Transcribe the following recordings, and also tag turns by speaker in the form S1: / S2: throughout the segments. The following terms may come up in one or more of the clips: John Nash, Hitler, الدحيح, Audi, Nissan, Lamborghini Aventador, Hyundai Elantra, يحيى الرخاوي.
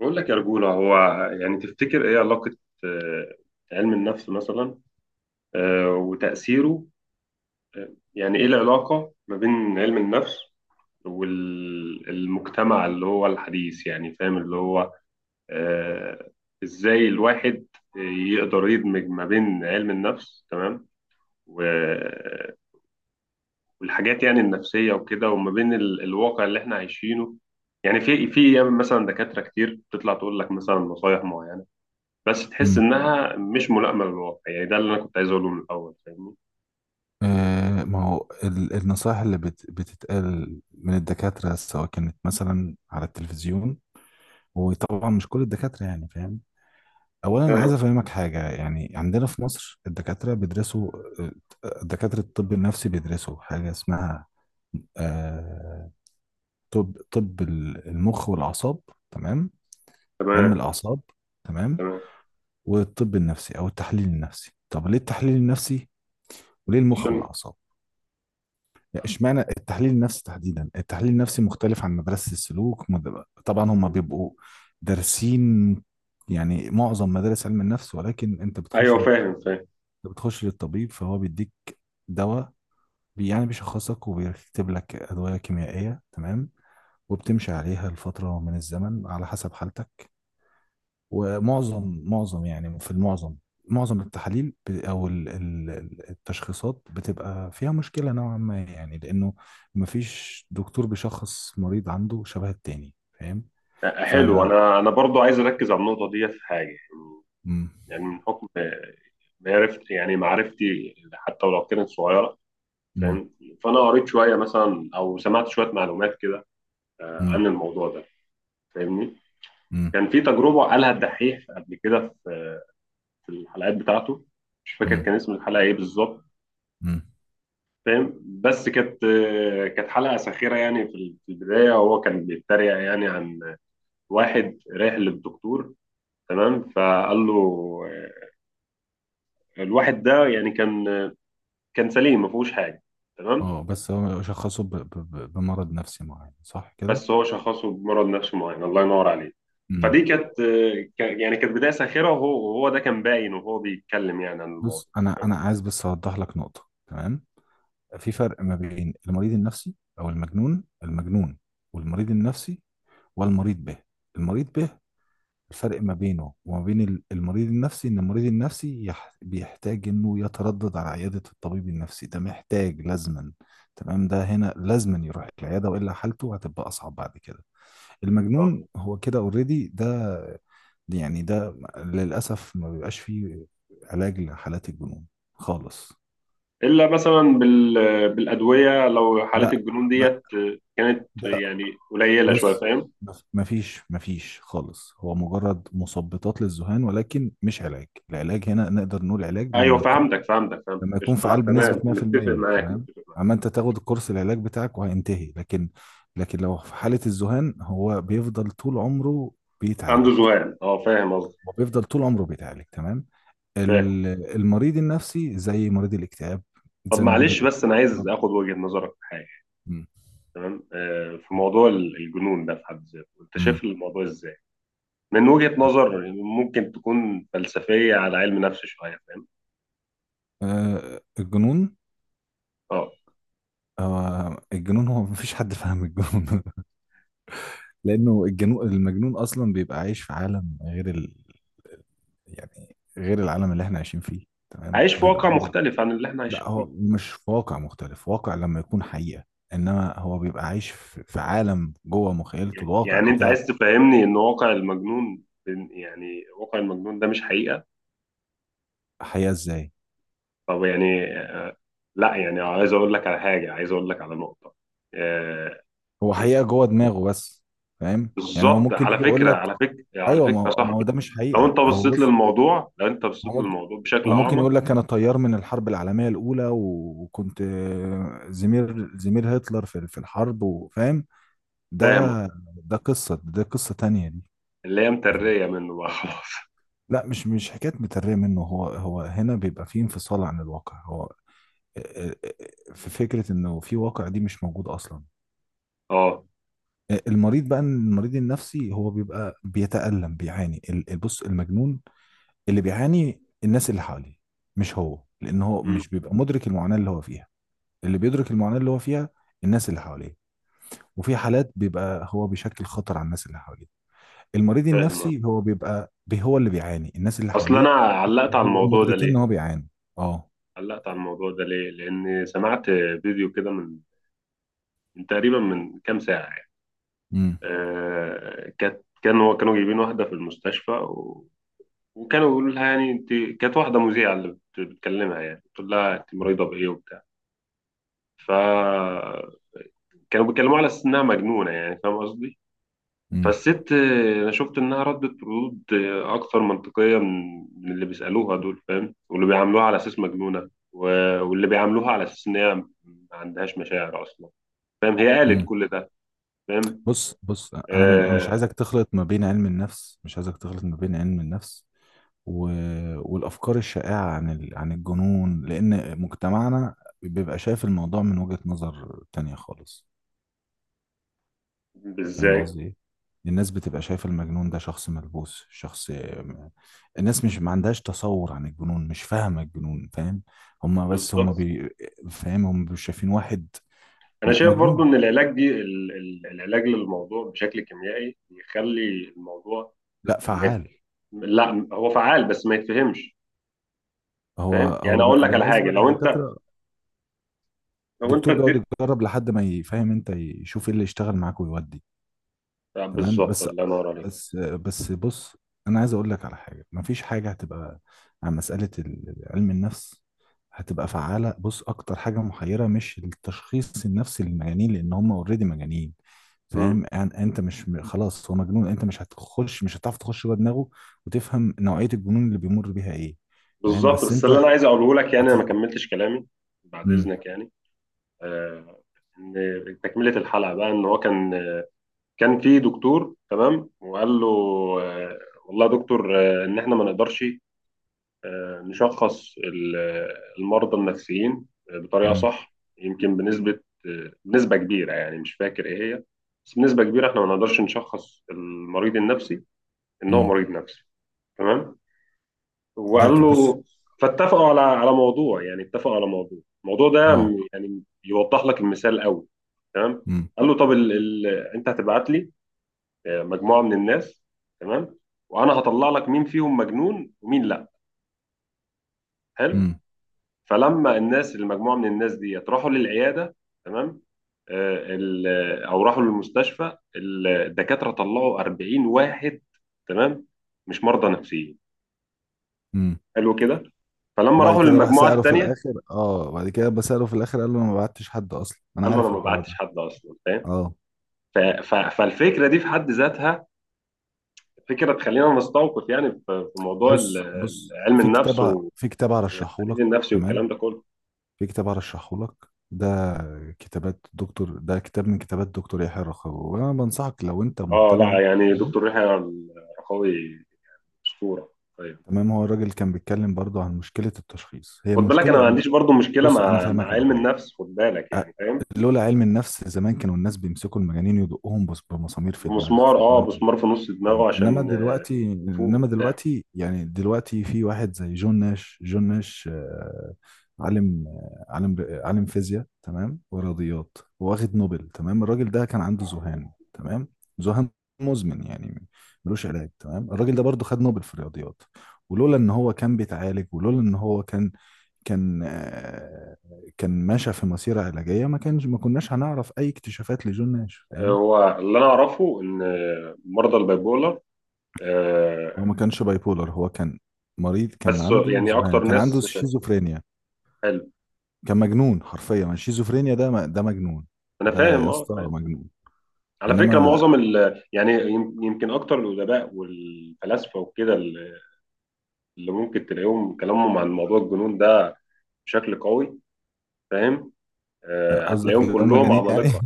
S1: بقول لك يا رجولة. هو يعني تفتكر ايه علاقة آه، علم النفس مثلا؟ وتأثيره؟ يعني ايه العلاقة ما بين علم النفس والمجتمع اللي هو الحديث، يعني فاهم؟ اللي هو آه، ازاي الواحد يقدر يدمج ما بين علم النفس، تمام، و- والحاجات يعني النفسية وكده، وما بين الواقع اللي احنا عايشينه. يعني في مثلا دكاترة كتير بتطلع تقول لك مثلا نصايح معينة، بس تحس
S2: مم.
S1: انها مش ملائمه للواقع. يعني ده اللي انا كنت عايز اقوله من الاول، فاهمني؟
S2: آه، ما هو النصائح اللي بتتقال من الدكاترة، سواء كانت مثلا على التلفزيون، وطبعا مش كل الدكاترة، يعني فاهم. أولا عايز
S1: ايوه.
S2: أفهمك حاجة، يعني عندنا في مصر الدكاترة بيدرسوا. آه، دكاترة الطب النفسي بيدرسوا حاجة اسمها آه طب المخ والأعصاب، تمام، علم
S1: تمام.
S2: الأعصاب، تمام.
S1: تمام.
S2: والطب النفسي أو التحليل النفسي، طب ليه التحليل النفسي وليه المخ
S1: عشان.
S2: والأعصاب؟ اشمعنى التحليل النفسي تحديدا؟ التحليل النفسي مختلف عن مدرسة السلوك، طبعا هم بيبقوا دارسين يعني معظم مدارس علم النفس، ولكن انت
S1: ايوه، فاهم فاهم.
S2: بتخش للطبيب فهو بيديك دواء، يعني بيشخصك وبيكتب لك أدوية كيميائية، تمام، وبتمشي عليها لفترة من الزمن على حسب حالتك. ومعظم يعني في المعظم، معظم التحاليل ب- او ال- ال- ال- التشخيصات بتبقى فيها مشكلة نوعا ما، يعني لانه مفيش دكتور بيشخص مريض عنده شبه التاني، فاهم ف
S1: حلو، انا برضو عايز اركز على النقطه دي في حاجه.
S2: مم.
S1: يعني من حكم معرفتي، يعني معرفتي حتى ولو كانت صغيره،
S2: مم.
S1: فاهم؟ فانا قريت شويه مثلا او سمعت شويه معلومات كده
S2: مم.
S1: عن الموضوع ده، فاهمني؟
S2: مم.
S1: كان في تجربه قالها الدحيح قبل كده في في الحلقات بتاعته، مش فاكر
S2: مم.
S1: كان اسم الحلقه ايه بالظبط،
S2: مم.
S1: فاهم؟ بس كانت، كانت حلقه ساخره. يعني في في البدايه هو كان بيتريق يعني عن واحد رايح للدكتور، تمام، فقال له الواحد ده يعني كان، كان سليم ما فيهوش حاجه، تمام.
S2: اه بس هو شخصه بمرض نفسي معين، صح كده؟
S1: بس هو شخصه بمرض نفسي معين، الله ينور عليه.
S2: مم.
S1: فدي كانت، يعني كانت بدايه ساخره، وهو وهو ده كان باين وهو بيتكلم يعني عن الموضوع.
S2: بص انا عايز بس اوضح لك نقطة، تمام. في فرق ما بين المريض النفسي او المجنون. المجنون والمريض النفسي. والمريض به، المريض به، الفرق ما بينه وما بين المريض النفسي ان المريض النفسي بيحتاج انه يتردد على عيادة الطبيب النفسي، ده محتاج لازما، تمام، ده هنا لازما يروح العيادة والا حالته هتبقى اصعب بعد كده. المجنون هو كده اوريدي، ده يعني ده للاسف ما بيبقاش فيه علاج لحالات الجنون خالص.
S1: الا مثلا بال، بالادويه لو حالات
S2: لا
S1: الجنون
S2: ما
S1: ديت كانت
S2: ده
S1: يعني قليله شويه،
S2: بص
S1: فاهم؟
S2: بص، مفيش، مفيش خالص، هو مجرد مثبطات للذهان ولكن مش علاج. العلاج هنا نقدر نقول علاج
S1: ايوه،
S2: لما يكون،
S1: فهمتك فهمتك فهمتك،
S2: لما يكون
S1: قشطه. لا
S2: فعال بنسبة
S1: تمام، متفق
S2: 100%،
S1: معاك
S2: تمام،
S1: متفق معاك.
S2: اما انت تاخد الكورس العلاج بتاعك وهينتهي، لكن، لكن لو في حالة الذهان هو بيفضل طول عمره
S1: عنده
S2: بيتعالج.
S1: ذهان، اه فاهم قصدي.
S2: هو بيفضل طول عمره بيتعالج، تمام.
S1: فاهم.
S2: ال- المريض النفسي زي مريض الاكتئاب،
S1: طب
S2: زي مريض
S1: معلش، بس انا عايز
S2: الاضطراب.
S1: اخد وجهة نظرك في حاجه. تمام، آه في موضوع الجنون ده في حد ذاته، انت
S2: امم.
S1: شايف الموضوع ازاي؟ من وجهة نظر ممكن تكون فلسفيه على علم نفس شويه، فاهم؟
S2: آه الجنون،
S1: اه.
S2: آه الجنون، هو مفيش حد فاهم الجنون لانه المجنون اصلا بيبقى عايش في عالم غير يعني غير العالم اللي احنا عايشين فيه، تمام،
S1: عايش في
S2: بيبقى
S1: واقع
S2: عنده.
S1: مختلف عن اللي احنا
S2: لا،
S1: عايشين فيه.
S2: هو مش في واقع مختلف، واقع لما يكون حقيقة، انما هو بيبقى عايش في عالم جوه مخيلته، الواقع
S1: يعني انت
S2: بتاعه
S1: عايز تفهمني ان واقع المجنون، يعني واقع المجنون ده مش حقيقه؟
S2: حقيقة ازاي؟
S1: طب يعني لا، يعني عايز اقول لك على حاجه، عايز اقول لك على نقطه. آه،
S2: هو حقيقة جوه دماغه بس، فاهم؟ يعني هو
S1: بالظبط،
S2: ممكن
S1: على
S2: يجي يقول
S1: فكره
S2: لك،
S1: على فكره على
S2: ايوه،
S1: فكره
S2: ما
S1: يا
S2: هو ما هو
S1: صاحبي.
S2: ده مش
S1: لو
S2: حقيقة.
S1: انت
S2: هو،
S1: بصيت
S2: بص،
S1: للموضوع، لو انت
S2: هو
S1: بصيت
S2: ممكن،
S1: للموضوع بشكل
S2: هو ممكن
S1: اعمق.
S2: يقول لك انا طيار من الحرب العالمية الاولى، وكنت زميل هتلر في الحرب، وفاهم؟
S1: فاهم.
S2: ده ده قصة تانية دي.
S1: اللي هي متريه منه بقى خلاص.
S2: لا، مش حكاية مترية منه، هو هو هنا بيبقى فيه انفصال عن الواقع. هو في فكرة انه في واقع دي مش موجود اصلا.
S1: اه.
S2: المريض بقى، المريض النفسي هو بيبقى بيتألم، بيعاني بص، المجنون اللي بيعاني الناس اللي حواليه مش هو، لان هو
S1: أمم،.
S2: مش بيبقى مدرك المعاناة اللي هو فيها. اللي بيدرك المعاناة اللي هو فيها الناس اللي حواليه، وفي حالات بيبقى هو بيشكل خطر على الناس اللي حواليه. المريض
S1: فاهم.
S2: النفسي هو هو اللي بيعاني الناس اللي
S1: اصل انا
S2: حواليه،
S1: علقت
S2: مش
S1: على
S2: بيبقوا
S1: الموضوع ده
S2: مدركين ان
S1: ليه.
S2: هو بيعاني. اه،
S1: علقت على الموضوع ده ليه، لان سمعت فيديو كده من، من تقريبا من كام ساعه يعني.
S2: امم،
S1: كانت، كان هو كانوا جايبين واحده في المستشفى، وكانوا بيقولوا لها يعني انت، كانت واحده مذيعه اللي بتكلمها، يعني بتقول لها انت مريضه بايه وبتاع. فكانوا بيتكلموا على اساس انها مجنونه، يعني فاهم قصدي؟
S2: امم،
S1: فالست انا شفت انها ردت ردود اكثر منطقيه من من اللي بيسالوها دول، فاهم؟ واللي بيعاملوها على اساس مجنونه، واللي بيعاملوها على اساس ان هي ما عندهاش مشاعر اصلا، فاهم، هي قالت
S2: امم.
S1: كل ده، فاهم؟
S2: بص، بص، انا مش
S1: آه.
S2: عايزك تخلط ما بين علم النفس، مش عايزك تخلط ما بين علم النفس و... والافكار الشائعه عن الجنون، لان مجتمعنا بيبقى شايف الموضوع من وجهة نظر تانية خالص. فاهم
S1: ازاي؟
S2: قصدي ايه؟ الناس بتبقى شايفة المجنون ده شخص ملبوس، شخص، الناس مش، ما عندهاش تصور عن الجنون، مش فاهمة الجنون، فاهم؟ هما بس هما
S1: بالظبط.
S2: بي... فاهم؟ هما مش شايفين واحد
S1: انا شايف برضو
S2: مجنون.
S1: ان العلاج دي العلاج للموضوع بشكل كيميائي بيخلي الموضوع
S2: لا،
S1: ما
S2: فعال.
S1: لا هو فعال بس ما يتفهمش،
S2: هو
S1: فاهم؟ يعني
S2: هو
S1: اقول لك على حاجه.
S2: بالنسبة
S1: لو انت،
S2: للدكاترة،
S1: لو انت
S2: الدكتور بيقعد
S1: اديت.
S2: يجرب لحد ما يفهم، انت يشوف ايه اللي يشتغل معاك ويودي، تمام.
S1: بالظبط،
S2: بس
S1: الله ينور عليك.
S2: بس بس بص، انا عايز اقول لك على حاجه، مفيش حاجه هتبقى عن مساله علم النفس هتبقى فعاله. بص، اكتر حاجه محيره مش التشخيص النفسي للمجانين، لان هم اوريدي مجانين،
S1: مم.
S2: فاهم يعني؟ انت مش، خلاص هو مجنون، انت مش هتخش، مش هتعرف تخش جوه دماغه وتفهم نوعيه الجنون اللي بيمر بيها ايه. فاهم؟
S1: بالظبط.
S2: بس
S1: بس
S2: انت
S1: اللي انا عايز اقوله لك،
S2: هت...
S1: يعني انا ما كملتش كلامي، بعد
S2: مم.
S1: اذنك يعني. آه، ان تكمله الحلقه بقى، ان هو كان، كان في دكتور، تمام، وقال له آه، والله يا دكتور ان احنا ما نقدرش نشخص المرضى النفسيين بطريقة
S2: مم.
S1: صح، يمكن بنسبة بنسبة كبيرة، يعني مش فاكر إيه هي، بس بنسبة كبيرة إحنا ما نقدرش نشخص المريض النفسي إن هو
S2: مم.
S1: مريض نفسي، تمام. وقال
S2: ده بص.
S1: له، فاتفقوا على على موضوع، يعني اتفقوا على موضوع. الموضوع ده
S2: اه.
S1: يعني يوضح لك المثال قوي، تمام.
S2: مم.
S1: قال له طب انت هتبعت لي مجموعة من الناس، تمام، وانا هطلع لك مين فيهم مجنون ومين لا. حلو.
S2: مم.
S1: فلما الناس، المجموعه من الناس ديت راحوا للعياده، تمام، او راحوا للمستشفى، الدكاتره طلعوا 40 واحد تمام مش مرضى نفسيين.
S2: مم.
S1: حلو كده. فلما
S2: وبعد
S1: راحوا
S2: كده راح
S1: للمجموعه
S2: سأله في
S1: الثانيه،
S2: الآخر، اه بعد كده بسأله في الآخر، قال له انا ما بعتش حد اصلا. انا
S1: قال له انا
S2: عارف
S1: ما
S2: الحوار
S1: بعتش
S2: ده.
S1: حد اصلا، فاهم؟
S2: اه،
S1: فالفكره دي في حد ذاتها فكره تخلينا نستوقف يعني في في موضوع
S2: بص، بص،
S1: علم النفس والتحليل
S2: في كتاب هرشحه لك،
S1: النفسي
S2: تمام،
S1: والكلام ده كله.
S2: في كتاب هرشحه لك، ده كتاب من كتابات دكتور يحيى الرخاوي، وانا بنصحك لو انت
S1: اه
S2: مهتم
S1: لا،
S2: يعني.
S1: يعني دكتور يحيى الرخاوي اسطوره. طيب.
S2: تمام، هو الراجل كان بيتكلم برضه عن مشكلة التشخيص، هي
S1: خد بالك انا ما
S2: مشكلة.
S1: عنديش برضو مشكله
S2: بص، انا
S1: مع مع
S2: فاهمك على
S1: علم
S2: حاجة.
S1: النفس، خد بالك
S2: أ-
S1: يعني، فاهم؟
S2: لولا علم النفس زمان كانوا الناس بيمسكوا المجانين يدقوهم بمسامير في دماغ،
S1: بمسمار،
S2: في
S1: اه
S2: دماغ.
S1: مسمار في نص دماغه
S2: انما
S1: عشان
S2: دلوقتي،
S1: يفوق
S2: انما
S1: وبتاع.
S2: دلوقتي يعني، دلوقتي في واحد زي جون ناش. جون ناش، آه، عالم، آه، عالم فيزياء، تمام، ورياضيات، واخد نوبل، تمام. الراجل ده كان عنده ذهان، تمام، ذهان مزمن يعني، ملوش علاج، تمام. الراجل ده برضه خد نوبل في الرياضيات، ولولا ان هو كان بيتعالج، ولولا ان هو كان، كان، آه، كان ماشي في مسيرة علاجية، ما كانش، ما كناش هنعرف اي اكتشافات لجون ناش، فاهم؟
S1: هو اللي انا اعرفه ان مرضى البايبولر آه،
S2: هو ما كانش باي بولر، هو كان مريض، كان
S1: بس
S2: عنده
S1: يعني
S2: ذهان،
S1: اكتر
S2: كان عنده
S1: ناس.
S2: شيزوفرينيا،
S1: حلو.
S2: كان مجنون حرفيا، ما الشيزوفرينيا ده ده مجنون،
S1: انا
S2: ده
S1: فاهم،
S2: يا
S1: اه
S2: اسطى
S1: فاهم.
S2: مجنون.
S1: على فكره
S2: انما،
S1: معظم ال يعني، يمكن اكتر الادباء والفلاسفه وكده اللي، اللي ممكن تلاقيهم كلامهم عن موضوع الجنون ده بشكل قوي، فاهم؟
S2: قصدك
S1: هتلاقيهم
S2: اللي هم
S1: كلهم
S2: مجانين يعني
S1: عمالقه.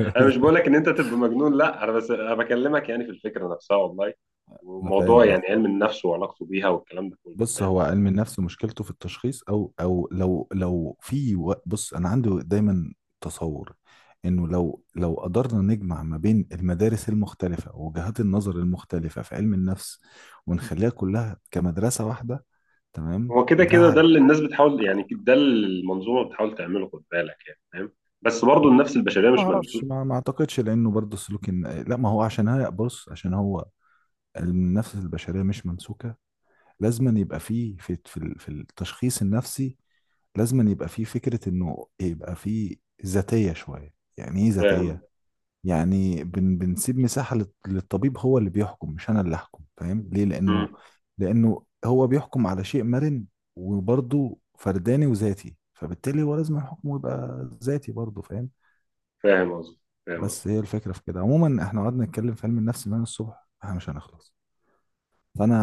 S1: انا مش بقولك ان انت تبقى مجنون، لا، انا بس انا بكلمك يعني في الفكره نفسها والله،
S2: انا فاهم
S1: وموضوع يعني
S2: قصدك،
S1: علم النفس وعلاقته بيها والكلام ده كله،
S2: بص،
S1: فاهم؟
S2: هو علم النفس مشكلته في التشخيص، او او لو لو في و- بص، انا عندي دايما تصور انه لو قدرنا نجمع ما بين المدارس المختلفة ووجهات النظر المختلفة في علم النفس ونخليها كلها كمدرسة واحدة، تمام،
S1: هو كده كده ده اللي الناس بتحاول، يعني ده اللي المنظومه بتحاول تعمله، خد بالك يعني، فاهم؟ بس برضه النفس البشريه
S2: ما
S1: مش ممسوسه.
S2: اعرفش، ما اعتقدش، لانه برضه سلوك الن... لا ما هو عشان هي، بص، عشان هو النفس البشريه مش ممسوكه، لازما يبقى فيه في التشخيص النفسي، لازما يبقى فيه فكره انه يبقى فيه ذاتيه شويه. يعني ايه ذاتيه؟
S1: فاهم.
S2: يعني بنسيب مساحه للطبيب، هو اللي بيحكم مش انا اللي احكم، فاهم ليه؟ لانه،
S1: مم.
S2: لانه هو بيحكم على شيء مرن وبرضه فرداني وذاتي، فبالتالي هو لازم حكمه يبقى ذاتي برضه، فاهم؟
S1: فاهم قصدي، فاهم قصدي.
S2: بس هي الفكرة في كده عموما، احنا قعدنا نتكلم في علم النفس من الصبح، احنا مش هنخلص، فانا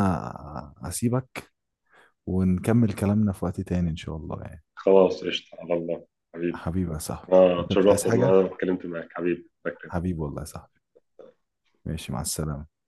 S2: هسيبك ونكمل كلامنا في وقت تاني ان شاء الله يعني.
S1: خلاص قشطه، على الله. حبيبي.
S2: حبيبي يا صاحبي،
S1: اه،
S2: انت مش
S1: اتشرفت
S2: عايز
S1: ان
S2: حاجة؟
S1: انا اتكلمت معاك حبيبي.
S2: حبيبي والله يا صاحبي، ماشي، مع السلامة.